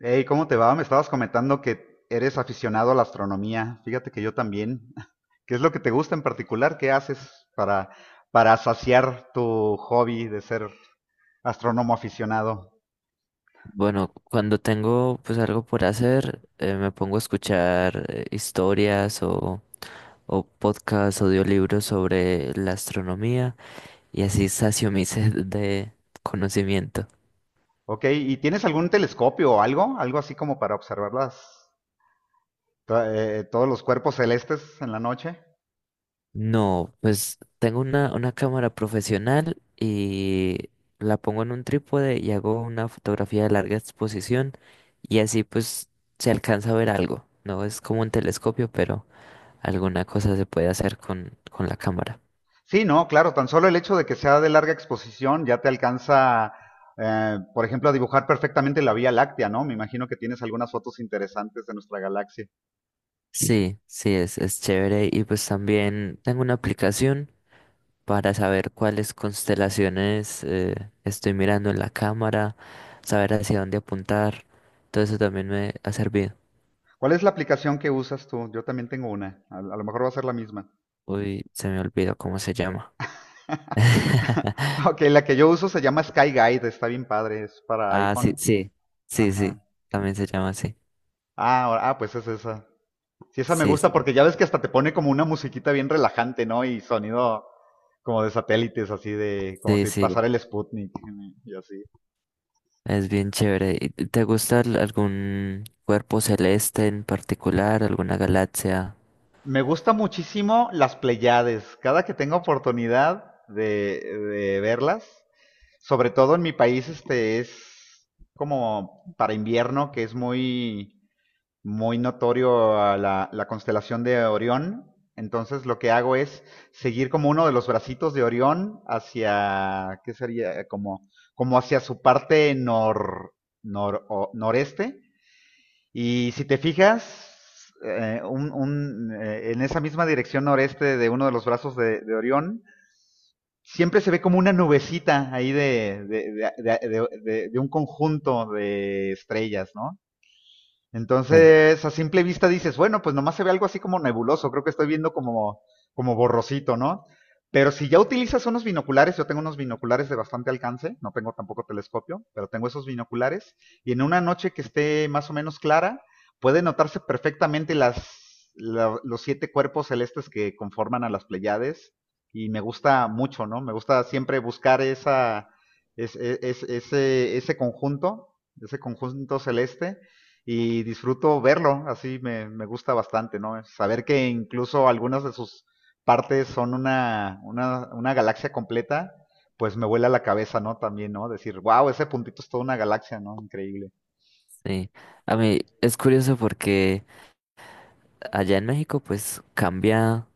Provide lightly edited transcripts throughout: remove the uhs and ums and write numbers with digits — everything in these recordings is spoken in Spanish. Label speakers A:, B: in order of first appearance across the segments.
A: Hey, ¿cómo te va? Me estabas comentando que eres aficionado a la astronomía. Fíjate que yo también. ¿Qué es lo que te gusta en particular? ¿Qué haces para saciar tu hobby de ser astrónomo aficionado?
B: Bueno, cuando tengo pues algo por hacer, me pongo a escuchar historias o podcasts, audiolibros sobre la astronomía y así sacio mi sed de conocimiento.
A: Ok, ¿y tienes algún telescopio o algo? ¿Algo así como para observar todos los cuerpos celestes en la noche?
B: No, pues tengo una cámara profesional y la pongo en un trípode y hago una fotografía de larga exposición y así pues se alcanza a ver algo. No es como un telescopio, pero alguna cosa se puede hacer con la cámara.
A: Sí, no, claro, tan solo el hecho de que sea de larga exposición ya te alcanza, por ejemplo, a dibujar perfectamente la Vía Láctea, ¿no? Me imagino que tienes algunas fotos interesantes de nuestra galaxia.
B: Sí, sí, es chévere. Y pues también tengo una aplicación para saber cuáles constelaciones estoy mirando en la cámara, saber hacia dónde apuntar. Todo eso también me ha servido.
A: ¿Cuál es la aplicación que usas tú? Yo también tengo una. A lo mejor va a ser la misma.
B: Uy, se me olvidó cómo se llama.
A: Ok, la que yo uso se llama Sky Guide. Está bien padre. Es para
B: Ah, sí,
A: iPhone.
B: sí, sí, sí,
A: Ajá.
B: también se llama así.
A: Ah, pues es esa. Sí, esa me
B: Sí,
A: gusta
B: sí,
A: porque ya ves que hasta te pone como una musiquita bien relajante, ¿no? Y sonido como de satélites, así de como
B: sí,
A: si
B: sí,
A: pasara el Sputnik y así.
B: es bien chévere. ¿Y te gusta algún cuerpo celeste en particular, alguna galaxia?
A: Me gusta muchísimo las Pleiades. Cada que tengo oportunidad de verlas, sobre todo en mi país, este es como para invierno, que es muy, muy notorio a la constelación de Orión. Entonces lo que hago es seguir como uno de los bracitos de Orión hacia, ¿qué sería? Como hacia su parte noreste y si te fijas, en esa misma dirección noreste de uno de los brazos de Orión, siempre se ve como una nubecita ahí de un conjunto de estrellas, ¿no?
B: Sí.
A: Entonces, a simple vista dices, bueno, pues nomás se ve algo así como nebuloso, creo que estoy viendo como borrosito, ¿no? Pero si ya utilizas unos binoculares, yo tengo unos binoculares de bastante alcance, no tengo tampoco telescopio, pero tengo esos binoculares, y en una noche que esté más o menos clara, puede notarse perfectamente los siete cuerpos celestes que conforman a las Pleiades, y me gusta mucho, ¿no? Me gusta siempre buscar esa, es- ese, ese conjunto celeste, y disfruto verlo, así me gusta bastante, ¿no? Saber que incluso algunas de sus partes son una galaxia completa, pues me vuela la cabeza, ¿no? También, ¿no? Decir, wow, ese puntito es toda una galaxia, ¿no? Increíble.
B: Sí, a mí es curioso porque allá en México pues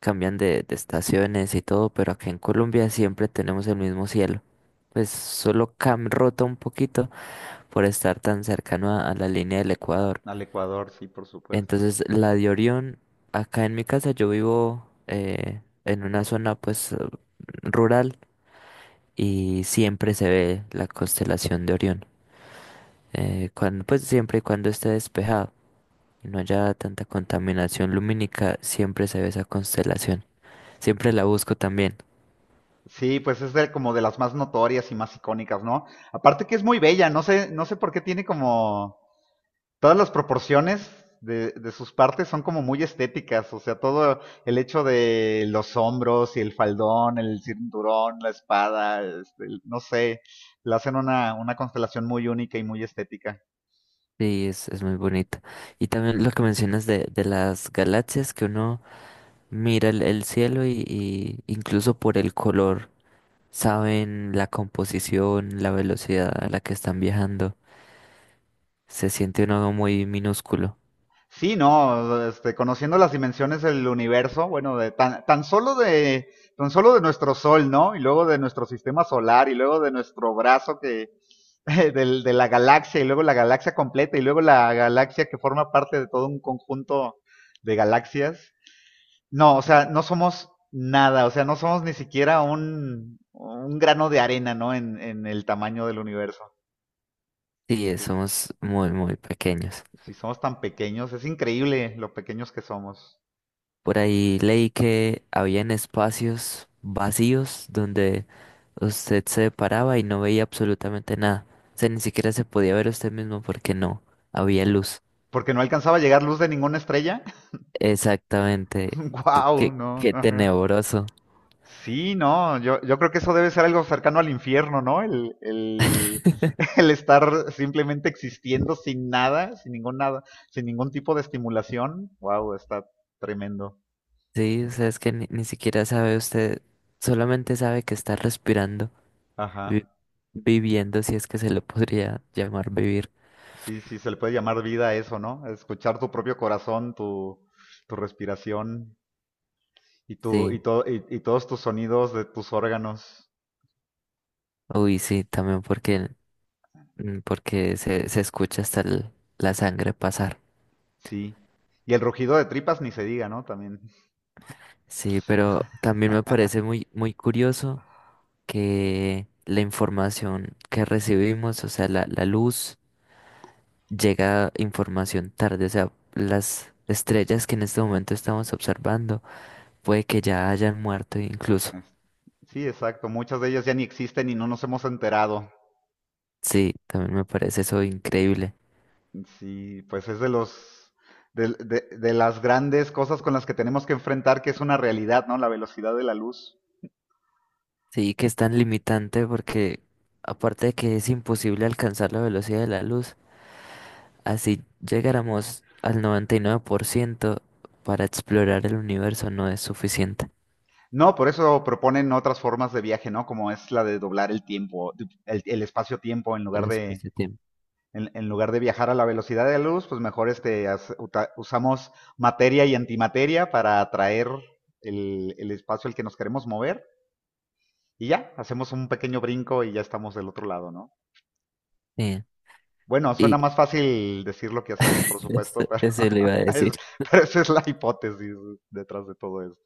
B: cambian de estaciones y todo, pero aquí en Colombia siempre tenemos el mismo cielo. Pues solo cam rota un poquito por estar tan cercano a la línea del Ecuador.
A: Al Ecuador, sí, por supuesto.
B: Entonces la de Orión, acá en mi casa yo vivo en una zona pues rural y siempre se ve la constelación de Orión, cuando, pues siempre y cuando esté despejado y no haya tanta contaminación lumínica, siempre se ve esa constelación. Siempre la busco también.
A: Sí, pues es como de las más notorias y más icónicas, ¿no? Aparte que es muy bella, no sé, no sé por qué tiene como todas las proporciones de sus partes son como muy estéticas, o sea, todo el hecho de los hombros y el faldón, el cinturón, la espada, este, no sé, le hacen una constelación muy única y muy estética.
B: Sí es muy bonita. Y también lo que mencionas de las galaxias, que uno mira el cielo y incluso por el color saben la composición, la velocidad a la que están viajando. Se siente uno muy minúsculo.
A: Sí, no, este, conociendo las dimensiones del universo, bueno, de tan solo de tan solo de nuestro sol, ¿no? Y luego de nuestro sistema solar y luego de nuestro brazo que de la galaxia y luego la galaxia completa y luego la galaxia que forma parte de todo un conjunto de galaxias. No, o sea, no somos nada, o sea, no somos ni siquiera un grano de arena, ¿no? En el tamaño del universo.
B: Sí, somos muy, muy pequeños.
A: Si somos tan pequeños, es increíble lo pequeños que somos.
B: Por ahí leí que habían espacios vacíos donde usted se paraba y no veía absolutamente nada. O sea, ni siquiera se podía ver usted mismo porque no había luz.
A: Porque no alcanzaba a llegar luz de ninguna estrella.
B: Exactamente.
A: Wow,
B: Qué,
A: no.
B: qué
A: Ajá.
B: tenebroso.
A: Sí, no, yo creo que eso debe ser algo cercano al infierno, ¿no? El estar simplemente existiendo sin nada, sin ningún nada, sin ningún tipo de estimulación. Wow, está tremendo.
B: Sí, o sea, es que ni siquiera sabe usted, solamente sabe que está respirando, vi-
A: Ajá.
B: viviendo, si es que se lo podría llamar vivir.
A: Sí, sí, se le puede llamar vida a eso, ¿no? Escuchar tu propio corazón, tu, respiración y, tu,
B: Sí,
A: y, to- y, y todos tus sonidos de tus órganos.
B: uy, sí, también porque, porque se escucha hasta la sangre pasar.
A: Sí. Y el rugido de tripas ni se diga, ¿no? También.
B: Sí, pero también me parece muy, muy curioso que la información que recibimos, o sea, la luz, llega información tarde, o sea, las estrellas que en este momento estamos observando, puede que ya hayan muerto incluso.
A: Es- Sí, exacto. Muchas de ellas ya ni existen y no nos hemos enterado.
B: Sí, también me parece eso increíble.
A: Sí, pues es de las grandes cosas con las que tenemos que enfrentar, que es una realidad, ¿no? La velocidad de la luz.
B: Sí, que es tan limitante porque aparte de que es imposible alcanzar la velocidad de la luz, así llegáramos al 99% para explorar el universo no es suficiente.
A: No, por eso proponen otras formas de viaje, ¿no? Como es la de doblar el tiempo, el espacio-tiempo en
B: El
A: lugar de
B: espacio-tiempo.
A: viajar a la velocidad de la luz, pues mejor este usamos materia y antimateria para atraer el espacio al que nos queremos mover. Y ya, hacemos un pequeño brinco y ya estamos del otro lado, ¿no?
B: Sí.
A: Bueno, suena
B: Y
A: más fácil decirlo que hacerlo, por
B: Eso,
A: supuesto, pero,
B: eso le iba a decir.
A: es- pero esa es la hipótesis detrás de todo esto.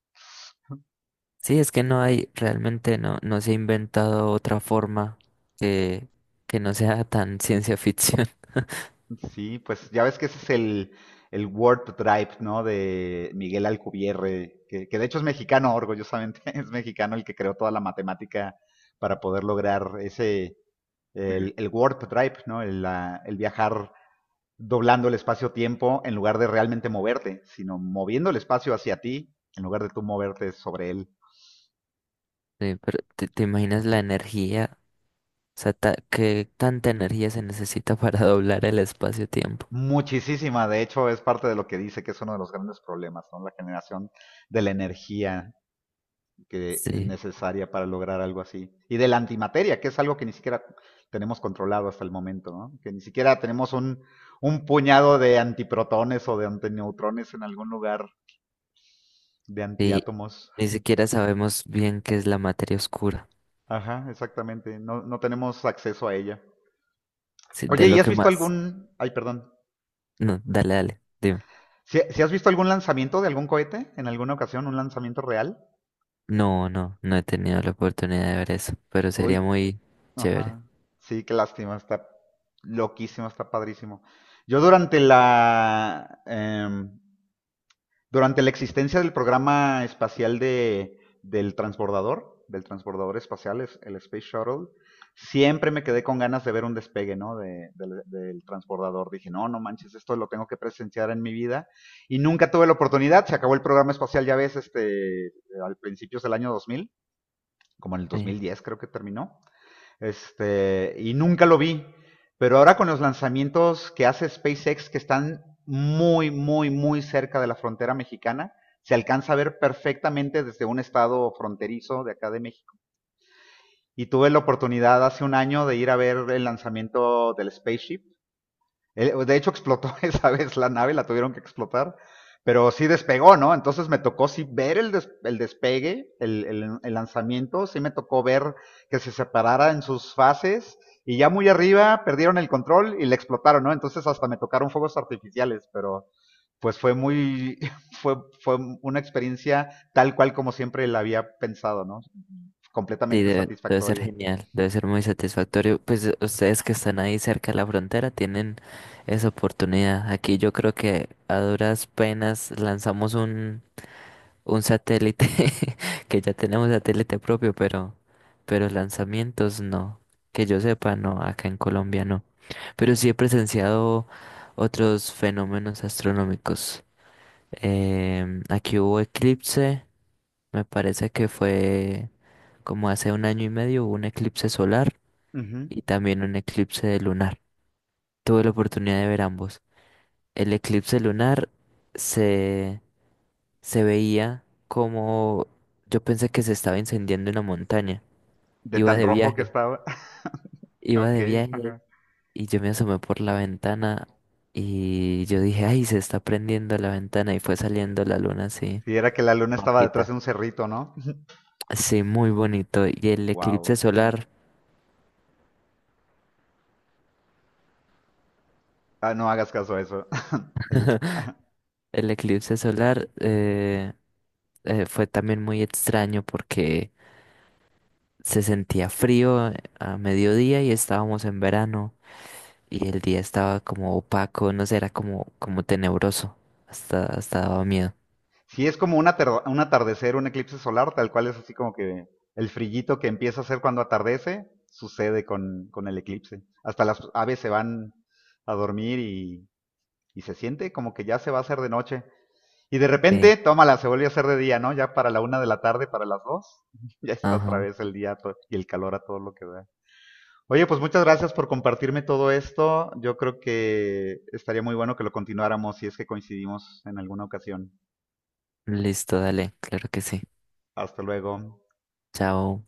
B: Sí, es que no hay, realmente no, no se ha inventado otra forma que, que no sea tan ciencia ficción.
A: Sí, pues ya ves que ese es el Word Drive, ¿no? De Miguel Alcubierre, que de hecho es mexicano, orgullosamente es mexicano el que creó toda la matemática para poder lograr el Word Drive, ¿no? El viajar doblando el espacio-tiempo en lugar de realmente moverte, sino moviendo el espacio hacia ti en lugar de tú moverte sobre él.
B: Sí, pero ¿te, te imaginas la energía? O sea, ¿qué tanta energía se necesita para doblar el espacio-tiempo?
A: Muchísima, de hecho, es parte de lo que dice que es uno de los grandes problemas, ¿no? La generación de la energía que es
B: Sí,
A: necesaria para lograr algo así. Y de la antimateria, que es algo que ni siquiera tenemos controlado hasta el momento, ¿no? Que ni siquiera tenemos un puñado de antiprotones o de antineutrones en algún lugar de
B: sí,
A: antiátomos.
B: ni siquiera sabemos bien qué es la materia oscura.
A: Ajá, exactamente. No, no tenemos acceso a ella.
B: Sí, de
A: Oye, ¿y
B: lo
A: has
B: que
A: visto
B: más.
A: algún... Ay, perdón.
B: No, dale, dale, dime.
A: ¿Si has visto algún lanzamiento de algún cohete en alguna ocasión, un lanzamiento real?
B: No, no, no he tenido la oportunidad de ver eso, pero
A: Uy,
B: sería muy chévere.
A: ajá. Sí, qué lástima, está loquísimo, está padrísimo. Yo durante la... em, Durante la existencia del programa espacial del transbordador espacial, el Space Shuttle, siempre me quedé con ganas de ver un despegue, ¿no? Del transbordador. Dije, no, no manches, esto lo tengo que presenciar en mi vida. Y nunca tuve la oportunidad. Se acabó el programa espacial, ya ves, este, al principios del año 2000, como en el
B: Sí,
A: 2010 creo que terminó. Este, y nunca lo vi. Pero ahora con los lanzamientos que hace SpaceX, que están muy, muy, muy cerca de la frontera mexicana, se alcanza a ver perfectamente desde un estado fronterizo de acá de México. Y tuve la oportunidad hace un año de ir a ver el lanzamiento del Spaceship de hecho, explotó esa vez la nave, la tuvieron que explotar, pero sí despegó, ¿no? Entonces me tocó sí ver el despegue, el lanzamiento, sí me tocó ver que se separara en sus fases y ya muy arriba perdieron el control y le explotaron, ¿no? Entonces hasta me tocaron fuegos artificiales, pero pues fue muy, fue, fue una experiencia tal cual como siempre la había pensado, ¿no?
B: sí,
A: Completamente
B: debe, debe ser
A: satisfactoria.
B: genial, debe ser muy satisfactorio. Pues ustedes que están ahí cerca de la frontera tienen esa oportunidad. Aquí yo creo que a duras penas lanzamos un satélite, que ya tenemos satélite propio, pero lanzamientos no. Que yo sepa, no, acá en Colombia no. Pero sí he presenciado otros fenómenos astronómicos. Em, aquí hubo eclipse, me parece que fue como hace un año y medio, hubo un eclipse solar
A: Ujú.
B: y también un eclipse lunar. Tuve la oportunidad de ver ambos. El eclipse lunar se, se veía como yo pensé que se estaba incendiando una montaña.
A: De
B: Iba
A: tan
B: de
A: rojo que
B: viaje,
A: estaba.
B: Iba
A: Ok,
B: de viaje
A: ajá.
B: y yo me asomé por la ventana y yo dije, ay, se está prendiendo la ventana y fue saliendo la luna así.
A: Sí, era que la luna estaba detrás
B: Rojita.
A: de un cerrito, ¿no?
B: Sí, muy bonito. Y el eclipse
A: Wow.
B: solar,
A: Ah, no hagas caso a eso. El equi-
B: el eclipse solar fue también muy extraño porque se sentía frío a mediodía y estábamos en verano y el día estaba como opaco, no sé, era como, como tenebroso. Hasta, hasta daba miedo.
A: sí, es como un atardecer, un eclipse solar, tal cual es así como que el frillito que empieza a hacer cuando atardece, sucede con el eclipse. Hasta las aves se van a dormir y se siente como que ya se va a hacer de noche. Y de
B: Sí,
A: repente, tómala, se vuelve a hacer de día, ¿no? Ya para la una de la tarde, para las dos, ya está otra
B: ajá.
A: vez el día y el calor a todo lo que da. Oye, pues muchas gracias por compartirme todo esto. Yo creo que estaría muy bueno que lo continuáramos si es que coincidimos en alguna ocasión.
B: Listo, dale, claro que sí.
A: Hasta luego.
B: Chao.